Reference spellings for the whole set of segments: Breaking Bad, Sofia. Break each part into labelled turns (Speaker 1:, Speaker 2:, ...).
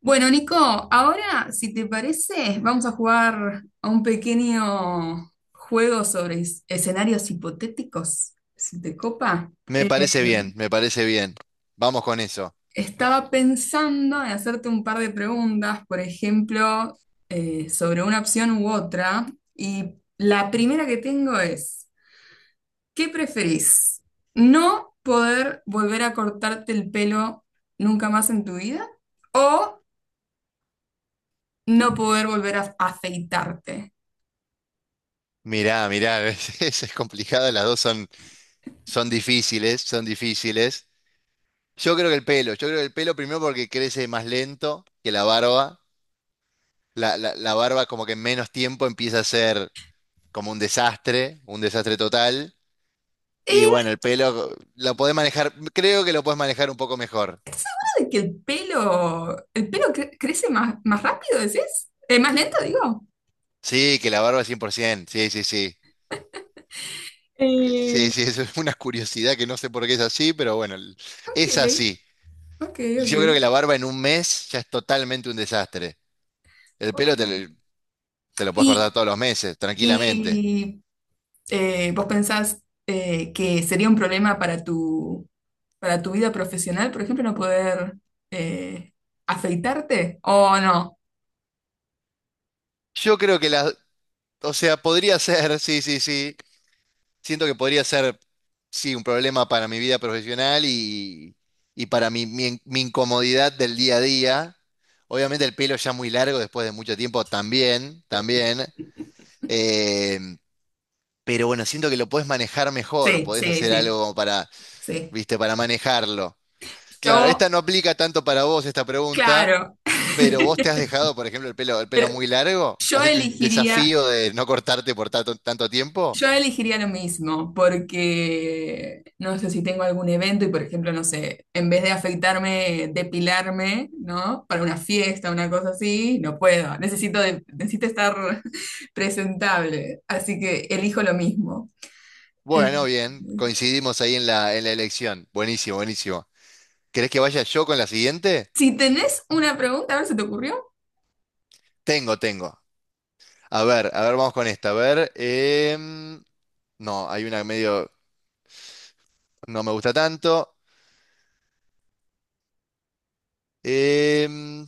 Speaker 1: Bueno, Nico, ahora, si te parece, vamos a jugar a un pequeño juego sobre escenarios hipotéticos, si te copa.
Speaker 2: Me
Speaker 1: Eh,
Speaker 2: parece bien, me parece bien. Vamos con eso.
Speaker 1: Estaba pensando en hacerte un par de preguntas, por ejemplo, sobre una opción u otra, y la primera que tengo es, ¿qué preferís? ¿No poder volver a cortarte el pelo nunca más en tu vida o no poder volver a afeitarte?
Speaker 2: Mirá, mirá, es, es complicado, las dos son difíciles, son difíciles. Yo creo que el pelo, yo creo que el pelo primero porque crece más lento que la barba. La barba como que en menos tiempo empieza a ser como un desastre total. Y bueno, el pelo lo podés manejar, creo que lo podés manejar un poco mejor.
Speaker 1: ¿De que el pelo, el pelo crece más, más rápido, decís? ¿Más lento, digo?
Speaker 2: Sí, que la barba 100%, sí, sí, sí. Sí,
Speaker 1: Eh,
Speaker 2: sí, eso es una curiosidad que no sé por qué es así, pero bueno,
Speaker 1: Ok,
Speaker 2: es así.
Speaker 1: ok,
Speaker 2: Yo creo que la barba en un mes ya es totalmente un desastre. El
Speaker 1: ok.
Speaker 2: pelo te lo puedes cortar
Speaker 1: Y,
Speaker 2: todos los meses, tranquilamente.
Speaker 1: y, ¿Vos pensás que sería un problema para para tu vida profesional, por ejemplo, no poder eh, afeitarte? ¿O no?
Speaker 2: Yo creo que o sea, podría ser, sí, sí, sí. Siento que podría ser, sí, un problema para mi vida profesional y para mi incomodidad del día a día. Obviamente el pelo ya muy largo después de mucho tiempo también, también. Eh, pero bueno, siento que lo podés manejar mejor,
Speaker 1: Sí,
Speaker 2: podés
Speaker 1: sí,
Speaker 2: hacer
Speaker 1: sí,
Speaker 2: algo como para,
Speaker 1: sí.
Speaker 2: viste, para manejarlo. Claro, esta
Speaker 1: Yo,
Speaker 2: no aplica tanto para vos esta pregunta,
Speaker 1: claro.
Speaker 2: pero vos te has dejado, por ejemplo, el pelo muy largo,
Speaker 1: Yo
Speaker 2: has hecho un
Speaker 1: elegiría
Speaker 2: desafío de no cortarte por tanto, tanto tiempo.
Speaker 1: Yo elegiría lo mismo, porque no sé si tengo algún evento y, por ejemplo, no sé, en vez de afeitarme, depilarme, ¿no? Para una fiesta, una cosa así, no puedo. Necesito estar presentable, así que elijo lo mismo. Eh,
Speaker 2: Bueno, bien, coincidimos ahí en la elección. Buenísimo, buenísimo. ¿Querés que vaya yo con la siguiente?
Speaker 1: si tenés una pregunta, a ver, ¿se te ocurrió?
Speaker 2: Tengo, tengo. A ver, vamos con esta. A ver, no, hay una medio, no me gusta tanto. Em,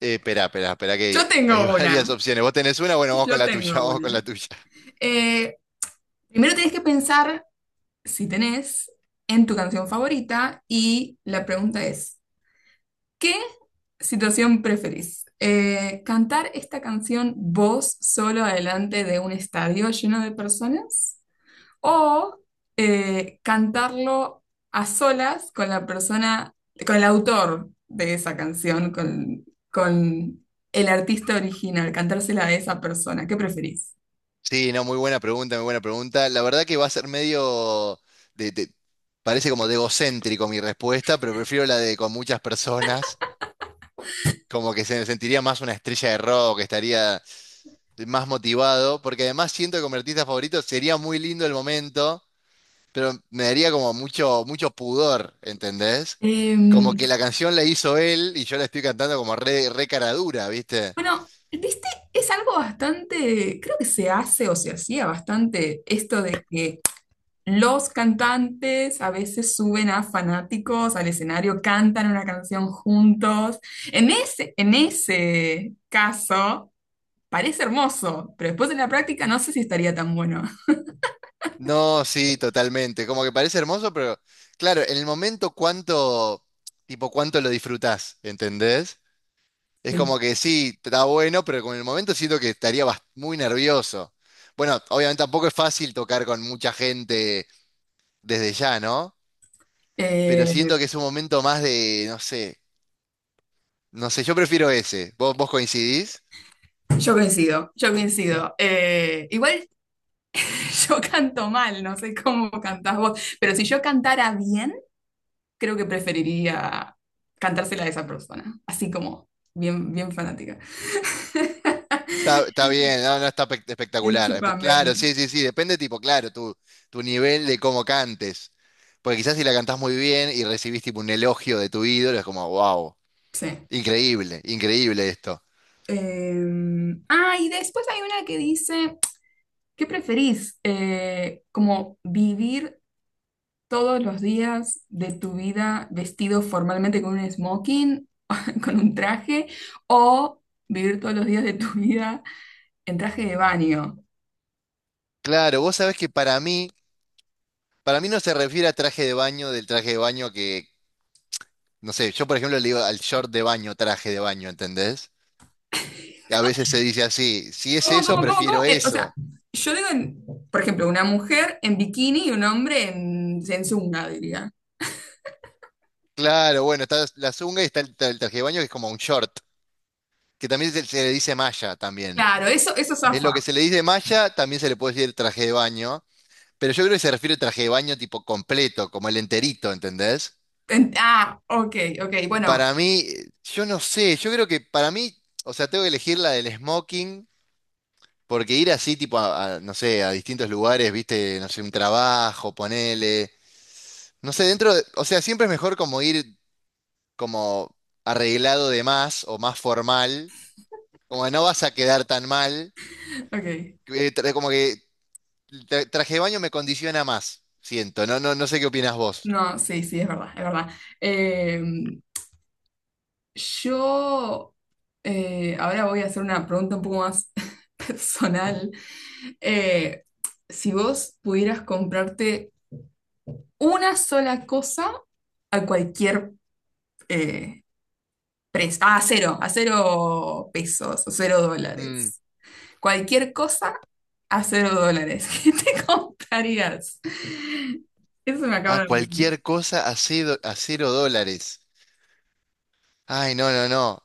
Speaker 2: Espera, espera, espera,
Speaker 1: Yo
Speaker 2: que hay
Speaker 1: tengo
Speaker 2: varias
Speaker 1: una,
Speaker 2: opciones. ¿Vos tenés una? Bueno, vamos con
Speaker 1: yo
Speaker 2: la tuya,
Speaker 1: tengo
Speaker 2: vamos con
Speaker 1: una.
Speaker 2: la tuya.
Speaker 1: Eh, Primero tenés que pensar, si tenés, en tu canción favorita, y la pregunta es... ¿Qué situación preferís? ¿Cantar esta canción vos solo adelante de un estadio lleno de personas? ¿O cantarlo a solas con la persona, con el autor de esa canción, con el artista original, cantársela a esa persona? ¿Qué preferís?
Speaker 2: Sí, no, muy buena pregunta, muy buena pregunta. La verdad que va a ser medio de, de- parece como de egocéntrico mi respuesta, pero prefiero la de con muchas personas, como que se me sentiría más una estrella de rock, estaría más motivado, porque además siento que como artista favorito sería muy lindo el momento, pero me daría como mucho, mucho pudor, ¿entendés?
Speaker 1: Em,
Speaker 2: Como que la canción la hizo él y yo la estoy cantando como re, re cara dura, ¿viste?
Speaker 1: bueno, viste, es algo bastante, creo que se hace o se hacía bastante, esto de que los cantantes a veces suben a fanáticos al escenario, cantan una canción juntos. En en ese caso, parece hermoso, pero después en la práctica no sé si estaría tan bueno.
Speaker 2: No, sí, totalmente. Como que parece hermoso, pero claro, en el momento cuánto, tipo, cuánto lo disfrutás, ¿entendés? Es como
Speaker 1: Sí.
Speaker 2: que sí, está bueno, pero con el momento siento que estaría muy nervioso. Bueno, obviamente tampoco es fácil tocar con mucha gente desde ya, ¿no? Pero
Speaker 1: Eh,
Speaker 2: siento que es un momento más de, no sé, no sé, yo prefiero ese. ¿Vos coincidís?
Speaker 1: yo coincido, yo coincido. Igual, yo canto mal, no sé cómo cantás vos, pero si yo cantara bien, creo que preferiría cantársela a esa persona, así como bien, bien fanática.
Speaker 2: Está bien, no, no está
Speaker 1: Bien
Speaker 2: espectacular. Claro,
Speaker 1: chupame.
Speaker 2: sí, sí, sí, depende, tipo, claro, tu nivel de cómo cantes. Porque quizás si la cantás muy bien y recibís tipo un elogio de tu ídolo, es como, wow,
Speaker 1: Sí.
Speaker 2: increíble, increíble esto.
Speaker 1: Em, ah, y después hay una que dice, ¿qué preferís? ¿Como vivir todos los días de tu vida vestido formalmente con un smoking, con un traje, o vivir todos los días de tu vida en traje de baño?
Speaker 2: Claro, vos sabés que para mí no se refiere a traje de baño del traje de baño que, no sé, yo por ejemplo le digo al short de baño, traje de baño, ¿entendés? Que a veces se dice así, si es
Speaker 1: ¿Cómo,
Speaker 2: eso,
Speaker 1: cómo, cómo,
Speaker 2: prefiero
Speaker 1: cómo? O sea,
Speaker 2: eso.
Speaker 1: yo digo, por ejemplo, una mujer en bikini y un hombre en zunga, diría.
Speaker 2: Claro, bueno, está la zunga y está el traje de baño que es como un short, que también se le dice malla también.
Speaker 1: Claro, eso
Speaker 2: Es
Speaker 1: zafa.
Speaker 2: lo que se le dice malla, también se le puede decir traje de baño. Pero yo creo que se refiere al traje de baño tipo completo, como el enterito, ¿entendés?
Speaker 1: Ok, ok, bueno,
Speaker 2: Para mí, yo no sé, yo creo que para mí, o sea, tengo que elegir la del smoking, porque ir así, tipo, no sé, a distintos lugares, viste, no sé, un trabajo, ponele, no sé, o sea, siempre es mejor como ir como arreglado de más o más formal, como no vas a quedar tan mal,
Speaker 1: ok.
Speaker 2: que como que traje de baño me condiciona más, siento, no sé qué opinas vos.
Speaker 1: No, sí, sí, es verdad, es verdad. Eh, yo ahora voy a hacer una pregunta un poco más personal. Eh, si vos pudieras comprarte una sola cosa a cualquier eh, precio, ah, a cero pesos, a cero dólares, cualquier cosa a cero dólares, ¿qué te comprarías? Eso me
Speaker 2: Ah,
Speaker 1: acaba de ocurrir.
Speaker 2: cualquier cosa a cero dólares. Ay, no, no, no.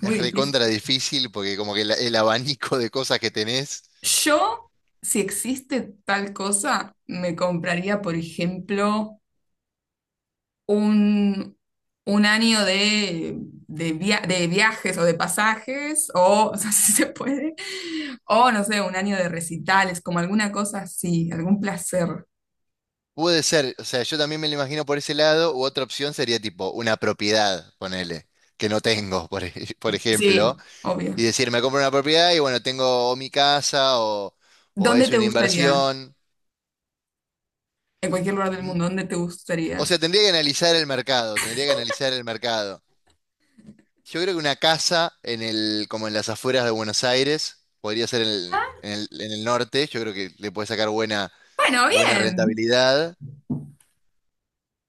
Speaker 2: Es
Speaker 1: Muy
Speaker 2: recontra difícil porque como que el abanico de cosas que tenés.
Speaker 1: Yo, si existe tal cosa, me compraría, por ejemplo, un, un año de, de viajes o de pasajes, o, o sea, si se puede, o no sé, un año de recitales, como alguna cosa así, algún placer.
Speaker 2: Puede ser, o sea, yo también me lo imagino por ese lado, u otra opción sería tipo una propiedad, ponele, que no tengo, por ejemplo,
Speaker 1: Sí,
Speaker 2: y
Speaker 1: obvio.
Speaker 2: decir, me compro una propiedad y bueno, tengo o mi casa o
Speaker 1: ¿Dónde
Speaker 2: es
Speaker 1: te
Speaker 2: una
Speaker 1: gustaría?
Speaker 2: inversión.
Speaker 1: En cualquier lugar del
Speaker 2: Mm,
Speaker 1: mundo, ¿dónde te
Speaker 2: O
Speaker 1: gustaría?
Speaker 2: sea, tendría que analizar el mercado, tendría que analizar el mercado. Yo creo que una casa en el, como en las afueras de Buenos Aires, podría ser en el norte, yo creo que le puede sacar buena,
Speaker 1: Bueno,
Speaker 2: buena
Speaker 1: bien.
Speaker 2: rentabilidad.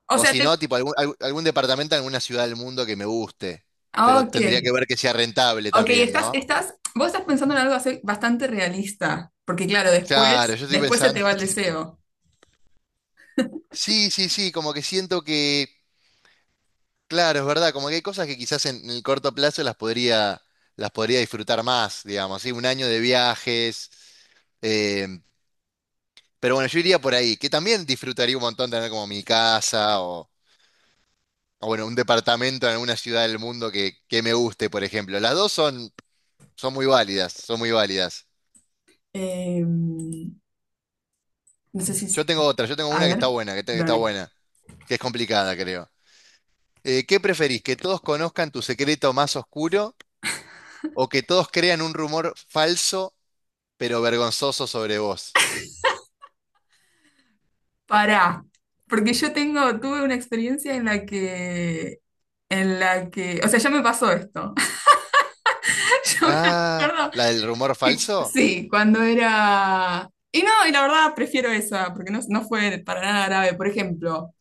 Speaker 1: O
Speaker 2: O
Speaker 1: sea,
Speaker 2: si
Speaker 1: te...
Speaker 2: no, tipo algún algún departamento en alguna ciudad del mundo que me guste. Pero
Speaker 1: Ok.
Speaker 2: tendría que ver que sea rentable
Speaker 1: Ok,
Speaker 2: también, ¿no?
Speaker 1: vos estás pensando en algo así bastante realista, porque claro,
Speaker 2: Claro,
Speaker 1: después,
Speaker 2: yo estoy
Speaker 1: después se te
Speaker 2: pensando.
Speaker 1: va el deseo.
Speaker 2: Sí, sí, sí, sí, sí, como que siento que, claro, es verdad, como que hay cosas que quizás en el corto plazo las podría disfrutar más, digamos, ¿sí? Un año de viajes. eh, Pero bueno, yo iría por ahí, que también disfrutaría un montón tener como mi casa o bueno, un departamento en alguna ciudad del mundo que me guste, por ejemplo. Las dos son muy válidas, son muy válidas.
Speaker 1: No sé si,
Speaker 2: Yo
Speaker 1: es-
Speaker 2: tengo otra, yo tengo
Speaker 1: A
Speaker 2: una que está
Speaker 1: ver,
Speaker 2: buena, que está
Speaker 1: dale.
Speaker 2: buena, que es complicada, creo. ¿Qué preferís? ¿Que todos conozcan tu secreto más oscuro o que todos crean un rumor falso pero vergonzoso sobre vos?
Speaker 1: Pará, porque yo tengo, tuve una experiencia en la que, o sea, ya me pasó esto. Yo me
Speaker 2: Ah,
Speaker 1: acuerdo
Speaker 2: ¿la del rumor
Speaker 1: que,
Speaker 2: falso?
Speaker 1: sí, cuando era, y no, y la verdad prefiero esa, porque no, no fue para nada grave. Por ejemplo,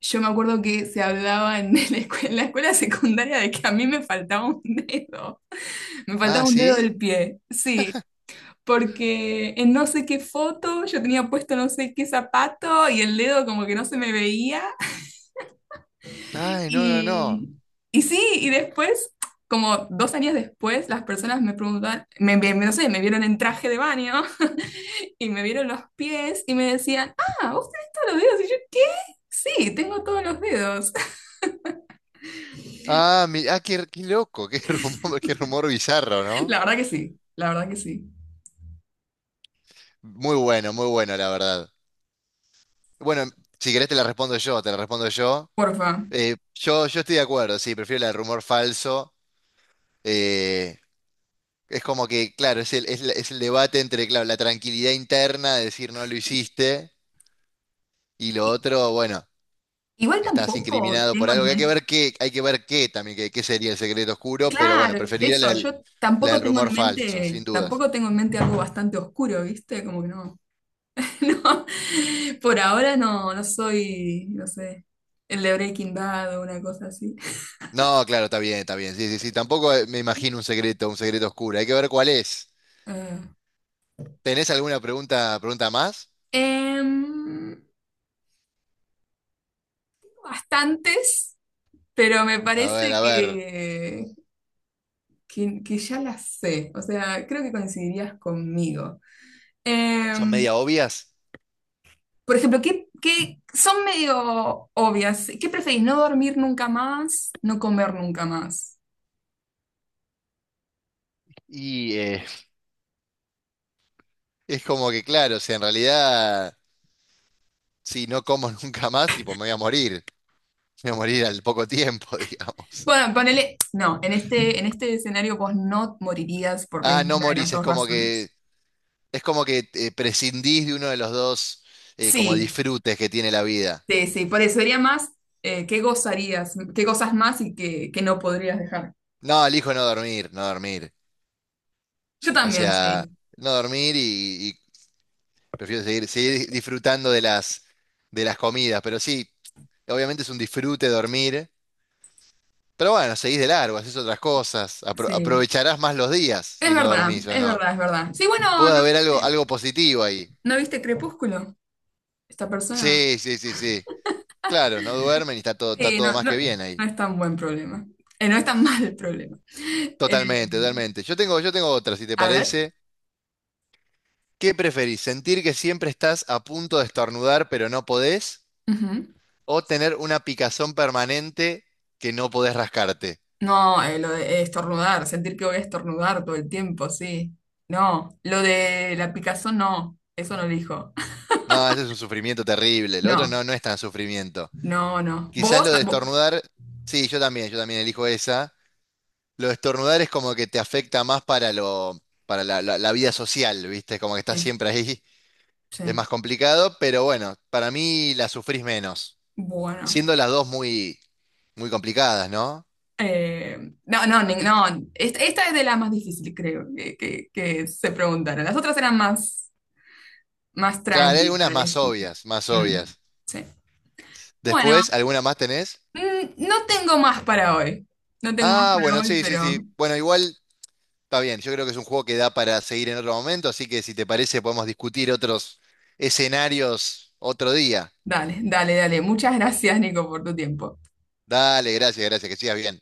Speaker 1: yo me acuerdo que se hablaba en en la escuela secundaria, de que a mí me faltaba un dedo, me
Speaker 2: Ah,
Speaker 1: faltaba un dedo
Speaker 2: ¿sí?
Speaker 1: del pie, sí, porque en no sé qué foto yo tenía puesto no sé qué zapato y el dedo como que no se me veía
Speaker 2: Ay, no, no, no.
Speaker 1: y, y sí, y después, como dos años después, las personas me preguntaban, no sé, me vieron en traje de baño y me vieron los pies y me decían, ah, vos tenés todos los dedos, y yo, ¿qué? Sí, tengo todos los dedos.
Speaker 2: Ah, qué, loco, qué rumor, qué rumor bizarro, ¿no?
Speaker 1: La verdad que sí, la verdad que sí.
Speaker 2: Muy bueno, muy bueno, la verdad. Bueno, si querés te la respondo yo, te la respondo yo.
Speaker 1: Porfa.
Speaker 2: Yo estoy de acuerdo, sí, prefiero la del rumor falso. Eh, es como que, claro, es el debate entre, claro, la tranquilidad interna de decir no lo hiciste y lo
Speaker 1: I-
Speaker 2: otro, bueno,
Speaker 1: Igual
Speaker 2: estás
Speaker 1: tampoco
Speaker 2: incriminado por
Speaker 1: tengo
Speaker 2: algo
Speaker 1: en
Speaker 2: que hay que
Speaker 1: mente,
Speaker 2: ver qué, hay que ver qué también, qué sería el secreto oscuro, pero bueno,
Speaker 1: claro,
Speaker 2: preferiría la
Speaker 1: eso,
Speaker 2: del
Speaker 1: yo
Speaker 2: la
Speaker 1: tampoco
Speaker 2: del
Speaker 1: tengo
Speaker 2: rumor
Speaker 1: en
Speaker 2: falso, sin
Speaker 1: mente,
Speaker 2: dudas.
Speaker 1: tampoco tengo en mente algo bastante oscuro, ¿viste? Como que no, no, por ahora no, no soy, no sé, el de Breaking Bad o una cosa así.
Speaker 2: No, claro, está bien, está bien. Sí, sí, sí. Tampoco me imagino un secreto oscuro. Hay que ver cuál es.
Speaker 1: Eh,
Speaker 2: ¿Tenés alguna pregunta más?
Speaker 1: em, Bastantes, pero me
Speaker 2: A
Speaker 1: parece
Speaker 2: ver, a ver.
Speaker 1: que, que ya las sé, o sea, creo que coincidirías conmigo.
Speaker 2: Son
Speaker 1: Em,
Speaker 2: media obvias.
Speaker 1: Por ejemplo, ¿qué, qué son medio obvias? ¿Qué preferís? ¿No dormir nunca más? ¿No comer nunca más?
Speaker 2: Y es como que, claro, si en realidad, si no como nunca más, tipo, me voy a morir. Me voy a morir al poco tiempo, digamos.
Speaker 1: Bueno, ponele, no, en en este escenario vos no morirías por
Speaker 2: Ah, no
Speaker 1: ninguna de las
Speaker 2: morís, es
Speaker 1: dos
Speaker 2: como
Speaker 1: razones.
Speaker 2: que, es como que eh, prescindís de uno de los dos como
Speaker 1: Sí,
Speaker 2: disfrutes que tiene la vida.
Speaker 1: sí, sí, por eso sería más qué gozarías, qué gozas más y qué, qué no podrías dejar.
Speaker 2: No, elijo no dormir, no dormir.
Speaker 1: Yo
Speaker 2: O
Speaker 1: también,
Speaker 2: sea,
Speaker 1: sí,
Speaker 2: no dormir. Prefiero seguir, seguir disfrutando de las comidas, pero sí, obviamente es un disfrute dormir. Pero bueno, seguís de largo, haces otras cosas,
Speaker 1: sí.
Speaker 2: aprovecharás más los días
Speaker 1: Es
Speaker 2: si no
Speaker 1: verdad,
Speaker 2: dormís o
Speaker 1: es
Speaker 2: no.
Speaker 1: verdad, es verdad. Sí, bueno, ¿no
Speaker 2: Puede haber algo,
Speaker 1: viste,
Speaker 2: algo positivo ahí.
Speaker 1: no viste Crepúsculo? Esta persona.
Speaker 2: Sí, sí, sí, sí. Claro, no duermen y está
Speaker 1: Sí,
Speaker 2: todo
Speaker 1: no,
Speaker 2: más que
Speaker 1: no,
Speaker 2: bien
Speaker 1: no
Speaker 2: ahí.
Speaker 1: es tan buen problema. No es tan mal el problema. Eh,
Speaker 2: Totalmente, totalmente. Yo tengo otra, si te
Speaker 1: a ver.
Speaker 2: parece. ¿Qué preferís? ¿Sentir que siempre estás a punto de estornudar pero no podés?
Speaker 1: Ujú.
Speaker 2: ¿O tener una picazón permanente que no podés rascarte?
Speaker 1: No, lo de estornudar, sentir que voy a estornudar todo el tiempo, sí. No, lo de la picazón, no, eso no elijo.
Speaker 2: No, ese es un sufrimiento terrible. Lo otro
Speaker 1: No,
Speaker 2: no, no es tan sufrimiento.
Speaker 1: no, no.
Speaker 2: Quizás lo de estornudar, sí, yo también elijo esa. Lo de estornudar es como que te afecta más para lo, para la, la- la vida social, ¿viste? Como que estás
Speaker 1: Sí,
Speaker 2: siempre ahí, es
Speaker 1: sí.
Speaker 2: más complicado, pero bueno, para mí la sufrís menos,
Speaker 1: Bueno.
Speaker 2: siendo las dos muy, muy complicadas, ¿no?
Speaker 1: Eh, no. Esta es de las más difíciles, creo, que se preguntaron. Las otras eran más, más
Speaker 2: Claro, hay
Speaker 1: tranqui,
Speaker 2: algunas
Speaker 1: para
Speaker 2: más
Speaker 1: decir.
Speaker 2: obvias, más
Speaker 1: Mm,
Speaker 2: obvias.
Speaker 1: sí. Bueno.
Speaker 2: Después, ¿alguna más tenés?
Speaker 1: Mm, no tengo más para hoy. No tengo más
Speaker 2: Ah,
Speaker 1: para
Speaker 2: bueno,
Speaker 1: hoy,
Speaker 2: sí, sí,
Speaker 1: pero
Speaker 2: sí. Bueno, igual. Está bien, yo creo que es un juego que da para seguir en otro momento, así que si te parece podemos discutir otros escenarios otro día.
Speaker 1: dale, dale, dale. Muchas gracias, Nico, por tu tiempo.
Speaker 2: Dale, gracias, gracias, que sigas bien.